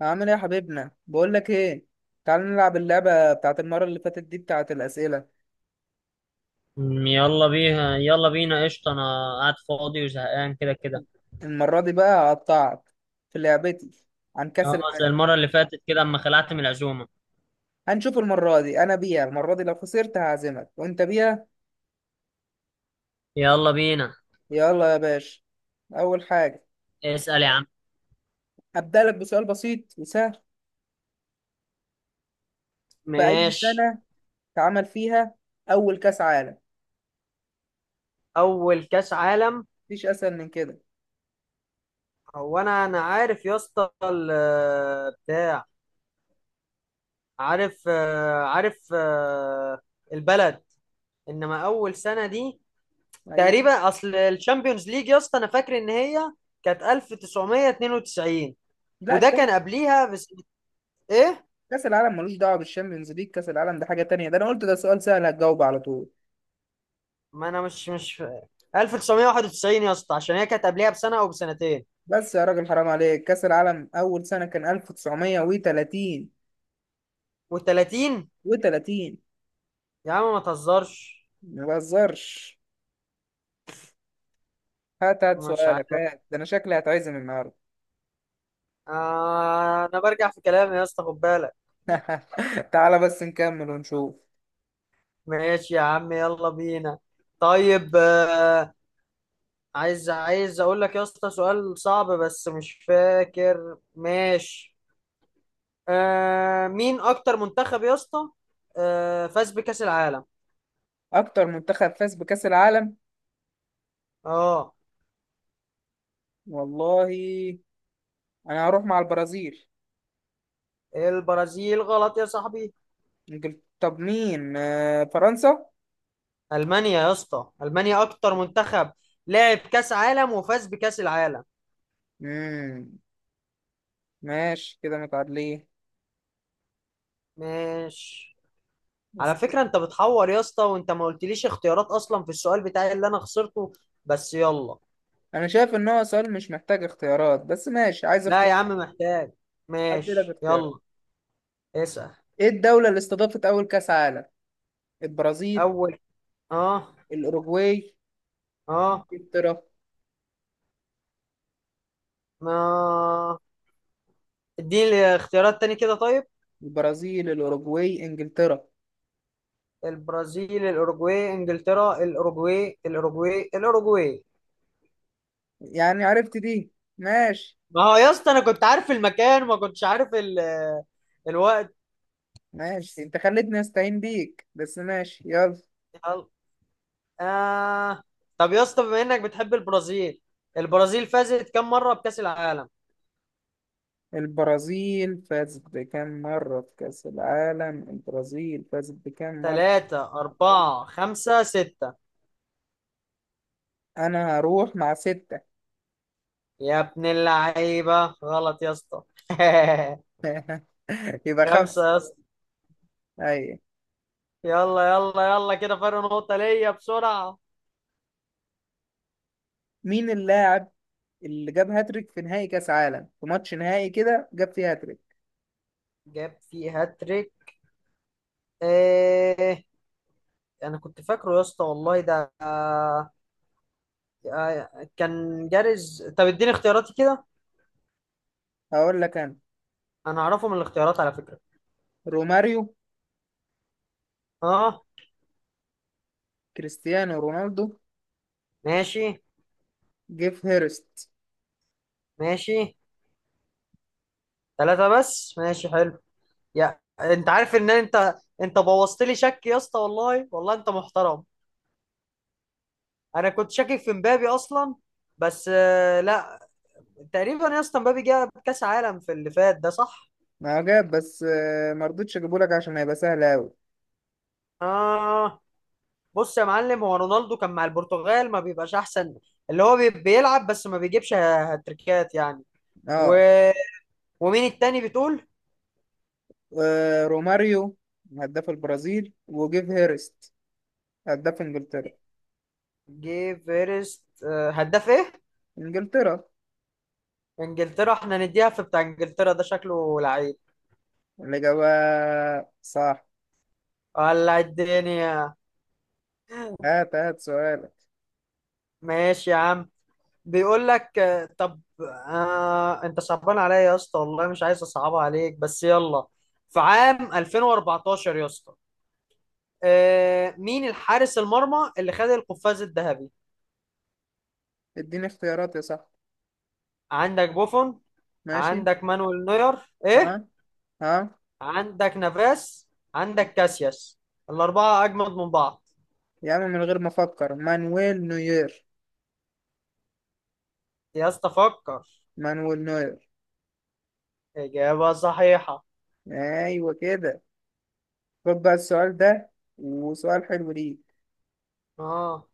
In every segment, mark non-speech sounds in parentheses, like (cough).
عامل ايه يا حبيبنا؟ بقول لك ايه. تعال نلعب اللعبه بتاعت المره اللي فاتت دي، بتاعت الاسئله. يلا بيها يلا بينا قشطة. أنا قاعد فاضي وزهقان كده كده. المره دي بقى هقطعك في لعبتي عن كاس اه، زي العالم. المرة اللي فاتت كده أما خلعت من العزومة. هنشوف المره دي انا بيها. المره دي لو خسرت هعزمك وانت بيها. يلا بينا. يلا يا باشا. اول حاجه، اسأل يا عم. هبدا لك بسؤال بسيط وسهل. في اي ماشي. سنه اتعمل فيها اول كاس عالم؟ اول كاس عالم. مفيش اسهل من كده. هو انا عارف يا اسطى بتاع. عارف عارف البلد. انما اول سنه دي ايوه. تقريبا، اصل الشامبيونز ليج يا اسطى انا فاكر ان هي كانت 1992. لا، وده كاس. كان قبليها بس. ايه. كاس العالم ملوش دعوه بالشامبيونز ليج. كاس العالم ده حاجه تانية. ده انا قلت ده سؤال سهل هتجاوب على طول. ما انا مش 1991 يا اسطى، عشان هي كانت قبلها بسنه او بسنتين. بس يا راجل، حرام عليك. كأس العالم أول سنة كان 1930. و30. و30. يا عم ما تهزرش. ما بهزرش. هات هات مش عارف. سؤالك. هات، ده أنا شكلي هتعزم النهاردة. انا برجع في كلامي يا اسطى خد بالك. (laughs) تعالى بس نكمل ونشوف. ماشي يا عم يلا بينا. طيب. عايز اقول لك يا اسطى سؤال صعب بس مش فاكر. ماشي. مين اكتر منتخب يا اسطى فاز بكأس العالم. أكتر منتخب فاز بكأس العالم. اه. والله، أنا هروح مع البرازيل. البرازيل غلط يا صاحبي. طب مين، فرنسا. المانيا يا اسطى، المانيا اكتر منتخب لعب كاس عالم وفاز بكاس العالم. مم. ماشي كده متعادلين. ماشي. على بس- فكره انت بتحور يا اسطى، وانت ما قلتليش اختيارات اصلا في السؤال بتاعي اللي انا خسرته. بس يلا. أنا شايف إن هو سؤال مش محتاج اختيارات، بس ماشي، عايز لا اختيار. يا عم، محتاج. أدي لك ماشي اختيارات. يلا. اسال. إيه الدولة اللي استضافت أول كأس عالم؟ البرازيل، اول. اه. الأوروغواي، اه إنجلترا. ما اديني اختيارات تاني كده طيب. البرازيل، الأوروغواي، إنجلترا. البرازيل الاوروجواي انجلترا الاوروجواي الاوروجواي الاوروجواي. يعني عرفت دي. ماشي. ما هو يا اسطى انا كنت عارف المكان، ما كنتش عارف ال الوقت. ماشي، أنت خليتني أستعين بيك، بس ماشي، يلا. يلا. آه. طب يا اسطى، بما انك بتحب البرازيل، البرازيل فازت كم مرة بكأس العالم؟ البرازيل فازت بكام مرة في كأس العالم؟ البرازيل فازت بكام مرة؟ ثلاثة أربعة خمسة ستة. أنا هروح مع ستة. يا ابن اللعيبة غلط يا اسطى (laughs) (laughs) يبقى خمسة خمسة. يا اسطى. أيوة. يلا يلا يلا، كده فرق نقطة ليا بسرعة. مين اللاعب اللي جاب هاتريك في نهائي كأس عالم، في ماتش نهائي كده جاب فيه هاتريك؟ جاب في هاتريك. ايه. انا كنت فاكره يا اسطى والله ده آه. كان جارز. طب اديني اختياراتي كده. هقول لك أنا. انا اعرفه من الاختيارات على فكرة. روماريو. اه. كريستيانو رونالدو. ماشي. جيف هيرست. ماشي. ثلاثة بس، ماشي حلو. يا انت عارف ان انت، بوظت لي شك يا اسطى، والله والله انت محترم. انا كنت شاكك في مبابي اصلا. بس لا. تقريبا يا اسطى مبابي جاب كاس عالم في اللي فات ده، صح. ما هو جاب، بس ما رضيتش اجيبه لك عشان هيبقى سهل قوي. اه. بص يا معلم، هو رونالدو كان مع البرتغال، ما بيبقاش احسن. اللي هو بيلعب بس ما بيجيبش هاتريكات يعني. و... اه. ومين التاني بتقول؟ روماريو هداف البرازيل، وجيف هيرست هداف انجلترا. جي فيرست هداف ايه. انجلترا. انجلترا. احنا نديها في، بتاع انجلترا ده شكله لعيب الاجابه صح. ولا الدنيا. هات هات سؤالك. ماشي يا عم. بيقول لك طب. انت صعبان عليا يا اسطى والله، مش عايز اصعبها عليك بس يلا. في عام 2014 يا اسطى. مين الحارس المرمى اللي خد القفاز الذهبي؟ اديني اختيارات يا صاحبي. عندك بوفون. ماشي. عندك مانويل نوير. ايه. ها، ها. عندك نافاس. عندك كاسياس. الاربعه اجمد من بعض. يا عم، من غير ما افكر مانويل نوير. يا اسطى فكر. مانويل نوير. اجابه صحيحه. ايوه كده. خد بقى السؤال ده، وسؤال حلو ليك. اه.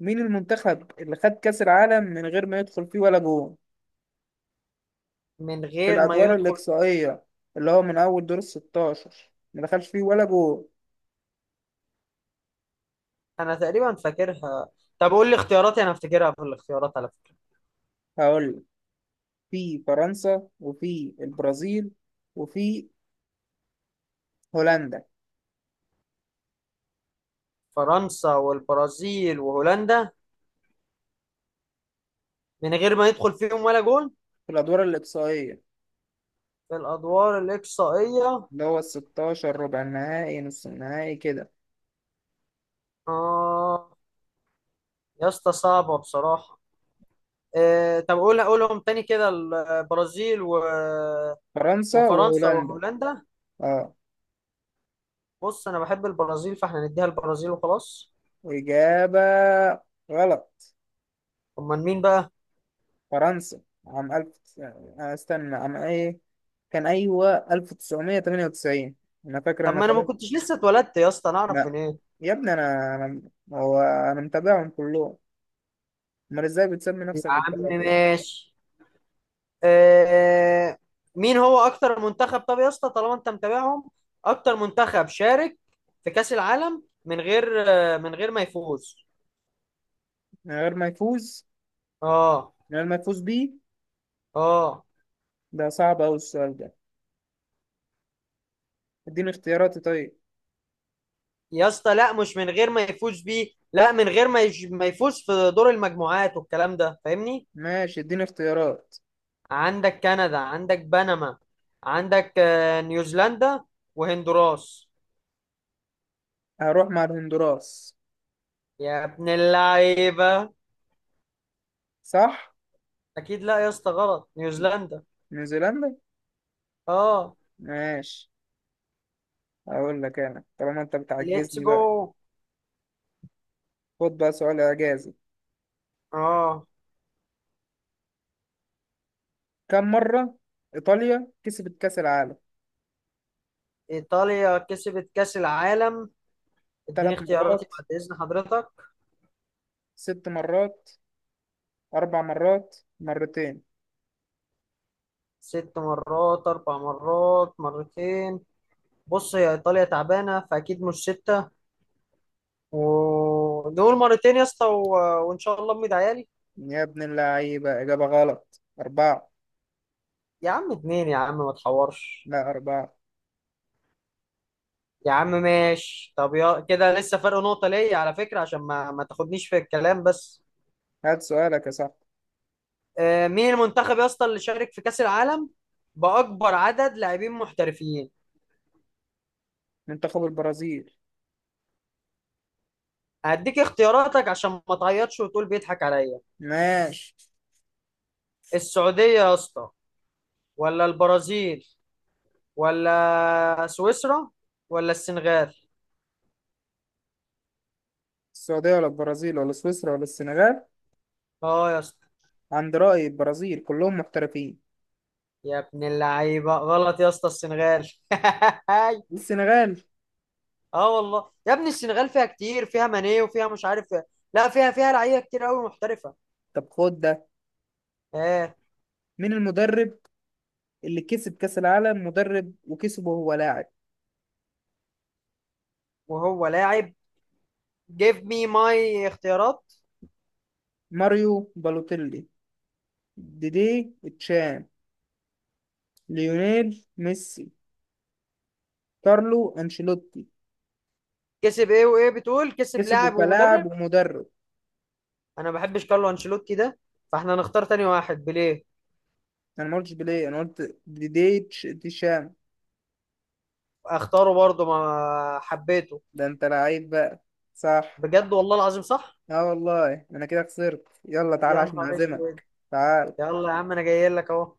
مين المنتخب اللي خد كأس العالم من غير ما يدخل فيه ولا جول من في غير ما الأدوار يدخل. الإقصائية؟ اللي هو من أول دور الستاشر ما دخلش فيه ولا جول. انا تقريبا فاكرها. طب قول لي اختياراتي، انا افتكرها في الاختيارات على فكرة. هقول، في فرنسا، وفي البرازيل، وفي هولندا. فرنسا والبرازيل وهولندا. من غير ما ندخل فيهم ولا جول. في الأدوار الإقصائية، في الادوار الاقصائية. اللي هو الستاشر، ربع النهائي، نص النهائي كده. اه. يا اسطى صعبة بصراحة. طب قول، قولهم تاني كده، البرازيل و... فرنسا وفرنسا وهولندا. وهولندا. اه. بص انا بحب البرازيل، فاحنا نديها البرازيل وخلاص. وإجابة غلط. امال مين بقى؟ فرنسا عام ألف، استنى عام إيه كان، أيوة، 1998، أنا فاكر طب أنا. ما انا ما كنتش لسه اتولدت يا اسطى، انا اعرف من لا. ايه؟ يا ابني، انا هو انا متابعهم كلهم. امال ازاي بتسمي يا نفسك عم بالطريقه كده؟ ماشي. آه، مين هو اكتر منتخب؟ طب يا اسطى طالما انت متابعهم، اكتر منتخب شارك في كأس العالم من غير، ما يفوز. من غير ما يفوز. اه. من غير ما يفوز بيه. اه ده صعب اوي السؤال ده. اديني اختياراتي طيب. يا اسطى لا، مش من غير ما يفوز بيه، لا، من غير ما يفوز في دور المجموعات والكلام ده، فاهمني. ماشي، اديني اختيارات. عندك كندا، عندك بنما، عندك نيوزيلندا، وهندوراس. هروح مع الهندوراس. يا ابن اللعيبة. صح. اكيد لا يا اسطى، غلط، نيوزيلندا. نيوزيلندا. اه. ماشي. اقول لك انا، طالما انت ليتس بتعجزني بقى. جو. خد بقى سؤال اعجازي. اه. كم مره ايطاليا كسبت كاس العالم؟ إيطاليا كسبت كأس العالم. اديني ثلاث اختياراتي مرات، بعد إذن حضرتك. ست مرات، اربع مرات، مرتين. ست مرات، أربع مرات، مرتين. بص هي إيطاليا تعبانة، فأكيد مش ستة. ودول مرتين يا اسطى و... وإن شاء الله أمي عيالي. يا ابن اللعيبة، إجابة غلط. أربعة. يا عم اتنين، يا عم ما تحورش. لا، أربعة. يا عم ماشي، طب يا كده لسه فرق نقطة ليا على فكرة، عشان ما تاخدنيش في الكلام بس. هات سؤالك يا صاحبي. مين المنتخب يا اسطى اللي شارك في كأس العالم بأكبر عدد لاعبين محترفين؟ منتخب البرازيل. هديك اختياراتك عشان ما تعيطش وتقول بيضحك عليا. ماشي. السعودية يا اسطى، ولا البرازيل، ولا سويسرا، ولا السنغال. السعودية، ولا البرازيل، ولا سويسرا، ولا السنغال؟ اه يا اسطى. عند رأي البرازيل كلهم محترفين. يا ابن اللعيبة، غلط يا اسطى، السنغال (laughs) السنغال. اه والله يا ابني السنغال فيها كتير، فيها ماني وفيها مش عارف. لا، فيها لعيبة كتير قوي محترفة. طب خد ده. اه. مين المدرب اللي كسب كأس العالم مدرب، وكسبه وهو لاعب؟ وهو لاعب. جيف مي ماي اختيارات. ماريو بالوتيلي. ديدي تشان. ليونيل ميسي. كارلو أنشيلوتي. كسب ايه وايه بتقول؟ كسب كسبه لاعب كلاعب ومدرب. ومدرب. انا ما بحبش كارلو انشيلوتي ده، فاحنا هنختار تاني واحد، بيليه. أنا ما قلتش بليه، أنا قلت ديدي تشام. اختاره برضه، ما حبيته. ده انت لعيب بقى. صح. بجد، والله العظيم صح. اه والله، انا كده خسرت. يلا تعالى يا عشان نهار اسود. اعزمك، تعال. يلا يا عم انا جاي لك اهو.